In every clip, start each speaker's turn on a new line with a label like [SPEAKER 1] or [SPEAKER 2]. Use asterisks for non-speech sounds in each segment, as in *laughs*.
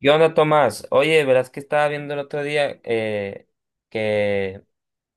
[SPEAKER 1] ¿Qué onda, Tomás? Oye, verás que estaba viendo el otro día que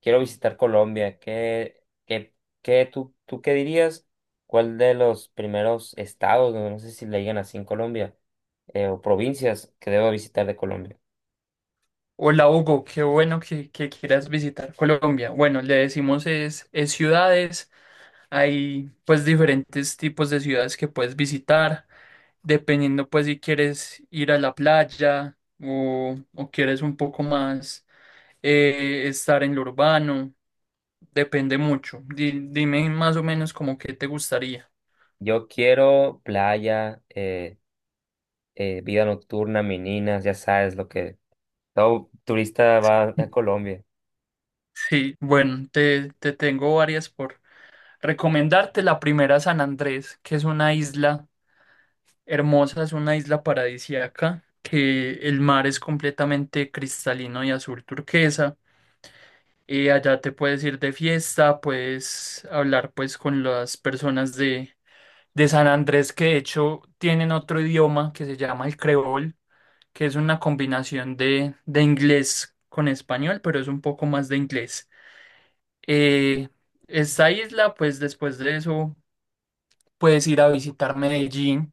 [SPEAKER 1] quiero visitar Colombia. ¿Tú qué dirías? ¿Cuál de los primeros estados, no sé si le digan así en Colombia, o provincias que debo visitar de Colombia?
[SPEAKER 2] Hola Hugo, qué bueno que quieras visitar Colombia. Bueno, le decimos es ciudades, hay pues diferentes tipos de ciudades que puedes visitar, dependiendo pues si quieres ir a la playa o quieres un poco más estar en lo urbano, depende mucho. Dime más o menos como qué te gustaría.
[SPEAKER 1] Yo quiero playa, vida nocturna, meninas, ya sabes lo que todo turista va a Colombia.
[SPEAKER 2] Sí, bueno, te tengo varias por recomendarte. La primera, San Andrés, que es una isla hermosa, es una isla paradisíaca, que el mar es completamente cristalino y azul turquesa. Allá te puedes ir de fiesta, puedes hablar pues con las personas de San Andrés, que de hecho tienen otro idioma que se llama el creol, que es una combinación de inglés con español, pero es un poco más de inglés. Eh, Esta isla, pues después de eso puedes ir a visitar Medellín,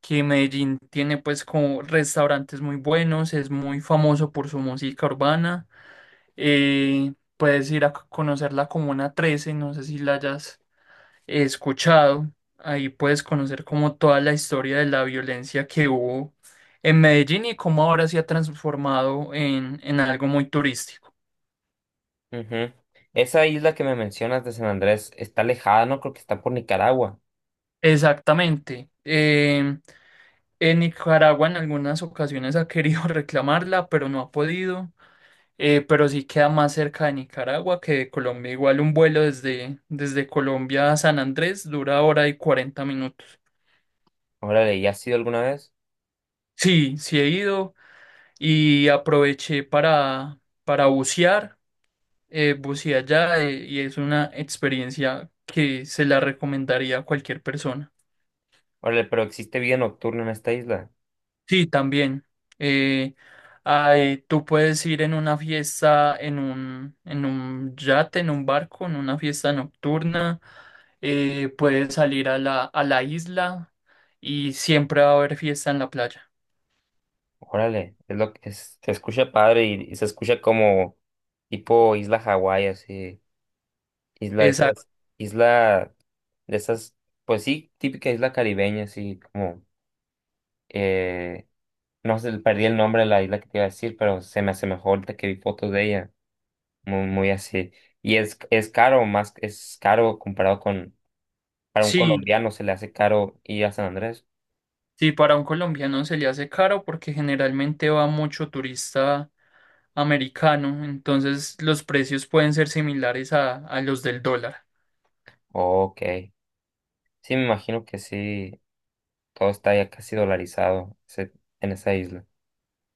[SPEAKER 2] que Medellín tiene pues como restaurantes muy buenos, es muy famoso por su música urbana. Puedes ir a conocer la Comuna 13, no sé si la hayas escuchado. Ahí puedes conocer como toda la historia de la violencia que hubo en Medellín y cómo ahora se ha transformado en algo muy turístico.
[SPEAKER 1] Ujú. Esa isla que me mencionas de San Andrés está alejada, ¿no? Creo que está por Nicaragua.
[SPEAKER 2] Exactamente. En Nicaragua en algunas ocasiones ha querido *laughs* reclamarla, pero no ha podido. Pero sí queda más cerca de Nicaragua que de Colombia. Igual un vuelo desde Colombia a San Andrés dura hora y cuarenta minutos.
[SPEAKER 1] Órale, ¿ya has ido alguna vez?
[SPEAKER 2] Sí, sí he ido y aproveché para bucear. Buceé allá y es una experiencia que se la recomendaría a cualquier persona.
[SPEAKER 1] Órale, pero existe vida nocturna en esta isla.
[SPEAKER 2] Sí, también. eh, Ay, tú puedes ir en una fiesta, en un yate, en un barco, en una fiesta nocturna. Puedes salir a a la isla y siempre va a haber fiesta en la playa.
[SPEAKER 1] Órale, es lo que es- se escucha padre y, se escucha como tipo isla Hawái, así, isla de
[SPEAKER 2] Exacto.
[SPEAKER 1] esas, isla de esas, pues sí, típica isla caribeña, así como, eh, no sé, perdí el nombre de la isla que te iba a decir, pero se me asemejó ahorita que vi fotos de ella, muy, muy así. Es caro, más, es caro comparado con, para un
[SPEAKER 2] Sí,
[SPEAKER 1] colombiano se le hace caro ir a San Andrés.
[SPEAKER 2] sí, para un colombiano se le hace caro porque generalmente va mucho turista americano, entonces los precios pueden ser similares a los del dólar.
[SPEAKER 1] Ok. Sí, me imagino que sí, todo está ya casi dolarizado en esa isla.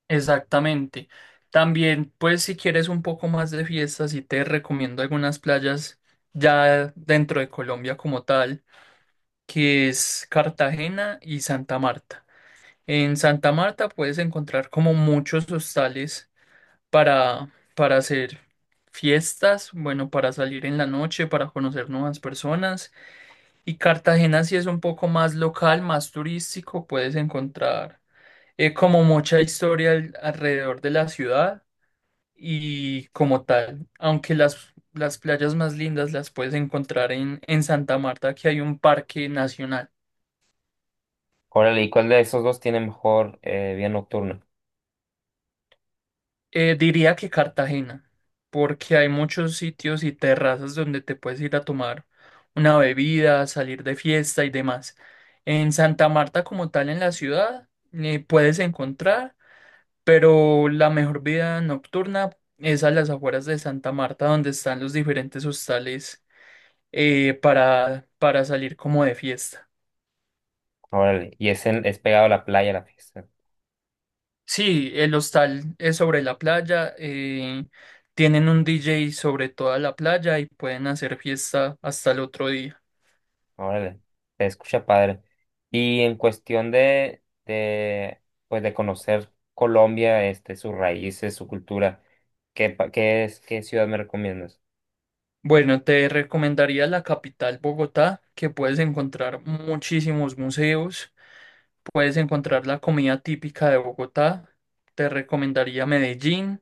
[SPEAKER 2] Exactamente. También, pues si quieres un poco más de fiesta, sí te recomiendo algunas playas ya dentro de Colombia como tal, que es Cartagena y Santa Marta. En Santa Marta puedes encontrar como muchos hostales para, para hacer fiestas, bueno, para salir en la noche, para conocer nuevas personas. Y Cartagena sí es un poco más local, más turístico, puedes encontrar como mucha historia alrededor de la ciudad y como tal, aunque las playas más lindas las puedes encontrar en Santa Marta, que hay un parque nacional.
[SPEAKER 1] Órale, ¿y cuál de esos dos tiene mejor vida nocturna?
[SPEAKER 2] Diría que Cartagena, porque hay muchos sitios y terrazas donde te puedes ir a tomar una bebida, salir de fiesta y demás. En Santa Marta como tal en la ciudad puedes encontrar, pero la mejor vida nocturna es a las afueras de Santa Marta, donde están los diferentes hostales para salir como de fiesta.
[SPEAKER 1] Órale, es pegado a la playa la fiesta.
[SPEAKER 2] Sí, el hostal es sobre la playa, tienen un DJ sobre toda la playa y pueden hacer fiesta hasta el otro día.
[SPEAKER 1] Órale, se escucha padre. Y en cuestión pues de conocer Colombia, este, sus raíces, su cultura, ¿qué, pa- qué es, ¿qué ciudad me recomiendas?
[SPEAKER 2] Bueno, te recomendaría la capital Bogotá, que puedes encontrar muchísimos museos, puedes encontrar la comida típica de Bogotá, te recomendaría Medellín,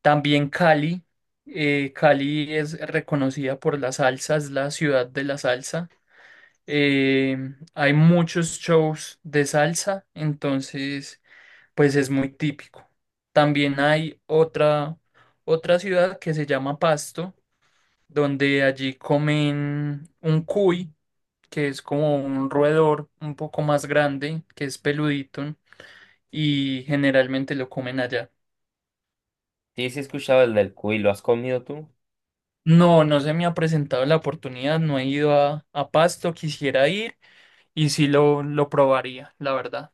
[SPEAKER 2] también Cali. Cali es reconocida por la salsa, es la ciudad de la salsa. Eh, Hay muchos shows de salsa, entonces pues es muy típico. También hay otra ciudad que se llama Pasto, donde allí comen un cuy, que es como un roedor un poco más grande, que es peludito, y generalmente lo comen allá.
[SPEAKER 1] Sí, sí he escuchado el del cuy, ¿lo has comido tú?
[SPEAKER 2] No, no se me ha presentado la oportunidad, no he ido a Pasto, quisiera ir y sí lo probaría, la verdad.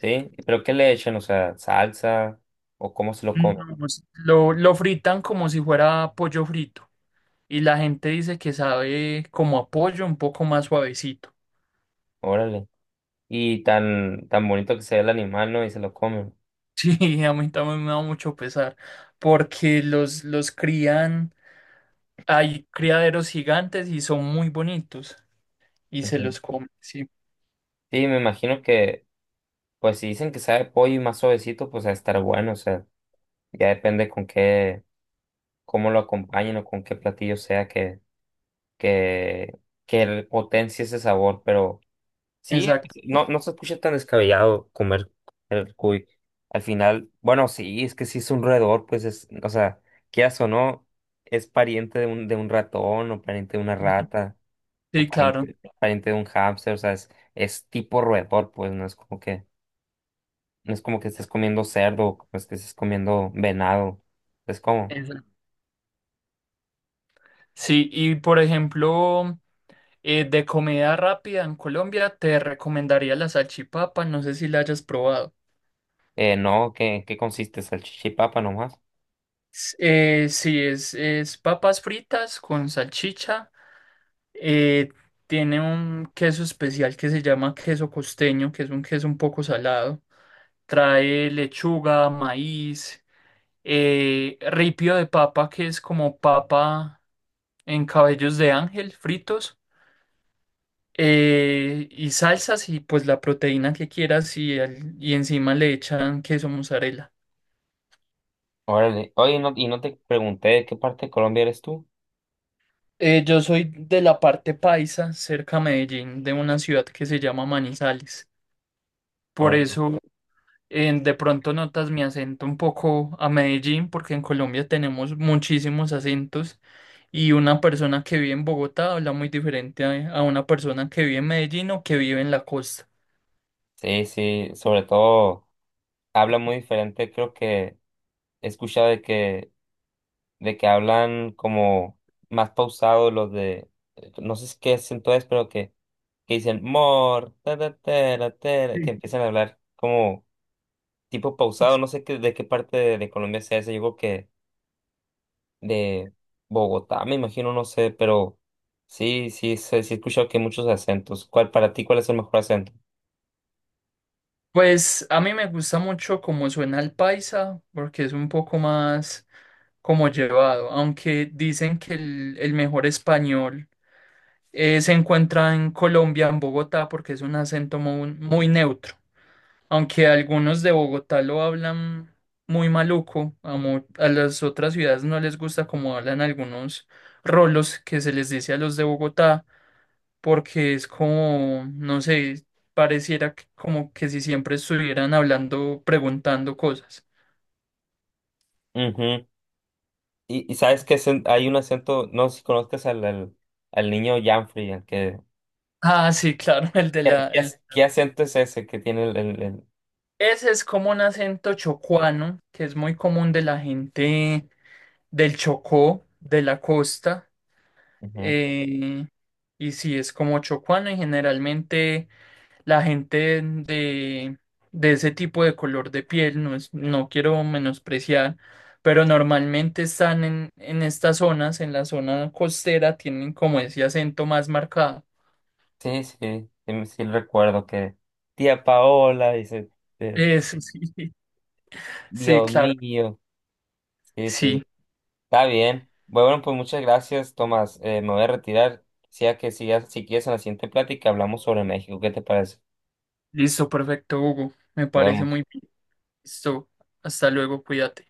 [SPEAKER 1] Sí, pero ¿qué le echan? O sea, salsa o cómo se lo come.
[SPEAKER 2] No, pues, lo fritan como si fuera pollo frito y la gente dice que sabe como a pollo un poco más suavecito. *laughs*
[SPEAKER 1] Órale. Y tan, tan bonito que se ve el animal, ¿no? Y se lo comen.
[SPEAKER 2] Sí, a mí también me da mucho pesar porque los crían, hay criaderos gigantes y son muy bonitos y se
[SPEAKER 1] Ujú.
[SPEAKER 2] los comen, sí,
[SPEAKER 1] Sí, me imagino que, pues si dicen que sabe a pollo y más suavecito, pues a estar bueno, o sea, ya depende con qué, cómo lo acompañen o con qué platillo sea que, que potencie ese sabor, pero sí, pues,
[SPEAKER 2] exacto.
[SPEAKER 1] no, no se escucha tan descabellado comer el cuy. Al final, bueno, sí, es que sí es un roedor, pues es, o sea, quieras o no, es pariente de un ratón o pariente de una
[SPEAKER 2] *laughs*
[SPEAKER 1] rata. Como
[SPEAKER 2] Sí, claro,
[SPEAKER 1] pariente, pariente de un hámster, o sea, es tipo roedor, pues no es como que estés comiendo cerdo, no es que estés comiendo venado, es como,
[SPEAKER 2] exacto. Sí, y por ejemplo, de comida rápida en Colombia te recomendaría la salchipapa, no sé si la hayas probado.
[SPEAKER 1] no, ¿qué consiste? Salchicha y papa nomás.
[SPEAKER 2] Sí, es papas fritas con salchicha. eh, Tiene un queso especial que se llama queso costeño, que es un queso un poco salado. Trae lechuga, maíz, ripio de papa, que es como papa en cabellos de ángel fritos. Y salsas y pues la proteína que quieras y, y encima le echan queso mozzarella.
[SPEAKER 1] Órale, oye, no, y no te pregunté de qué parte de Colombia eres tú.
[SPEAKER 2] Yo soy de la parte paisa, cerca a Medellín, de una ciudad que se llama Manizales. Por
[SPEAKER 1] Órale.
[SPEAKER 2] eso, de pronto notas mi acento un poco a Medellín, porque en Colombia tenemos muchísimos acentos y una persona que vive en Bogotá habla muy diferente a una persona que vive en Medellín o que vive en la costa.
[SPEAKER 1] Sí, sí, sobre todo habla muy diferente, creo que he escuchado de que hablan como más pausado los de, no sé si qué acento es, pero que dicen mor, ta, ta, tera, tera", que
[SPEAKER 2] Sí.
[SPEAKER 1] empiezan a hablar como tipo pausado, no sé qué, de qué parte de Colombia sea ese, yo creo que de Bogotá, me imagino, no sé, pero sí, sí, sí, sí he escuchado que hay muchos acentos. ¿Cuál, para ti, cuál es el mejor acento?
[SPEAKER 2] Pues a mí me gusta mucho cómo suena el paisa, porque es un poco más como llevado, aunque dicen que el mejor español se encuentra en Colombia, en Bogotá, porque es un acento muy, muy neutro. Aunque algunos de Bogotá lo hablan muy maluco, a las otras ciudades no les gusta como hablan algunos rolos, que se les dice a los de Bogotá, porque es como, no sé, pareciera que como que si siempre estuvieran hablando, preguntando cosas.
[SPEAKER 1] Ujú. Y sabes que hay un acento, no sé si conozcas al niño Janfrey, al que...
[SPEAKER 2] Ah, sí, claro, *laughs* el de la... el-
[SPEAKER 1] ¿Qué acento es ese que tiene el?
[SPEAKER 2] Ese es como un acento chocuano, que es muy común de la gente del Chocó, de la costa.
[SPEAKER 1] Ujú.
[SPEAKER 2] eh, y si es como chocuana, y generalmente la gente de ese tipo de color de piel, no es, no quiero menospreciar, pero normalmente están en estas zonas, en la zona costera, tienen como ese acento más marcado.
[SPEAKER 1] Sí, sí, sí recuerdo que tía Paola dice, eh,
[SPEAKER 2] Eso sí, *laughs* sí,
[SPEAKER 1] Dios
[SPEAKER 2] claro,
[SPEAKER 1] mío, sí, sí,
[SPEAKER 2] sí.
[SPEAKER 1] está bien. Bueno, pues muchas gracias, Tomás. Me voy a retirar. Sea que sigas, si quieres en la siguiente plática hablamos sobre México. ¿Qué te parece?
[SPEAKER 2] Listo, perfecto, Hugo. Me
[SPEAKER 1] Nos
[SPEAKER 2] parece
[SPEAKER 1] vemos.
[SPEAKER 2] muy bien. Listo. Hasta luego, cuídate.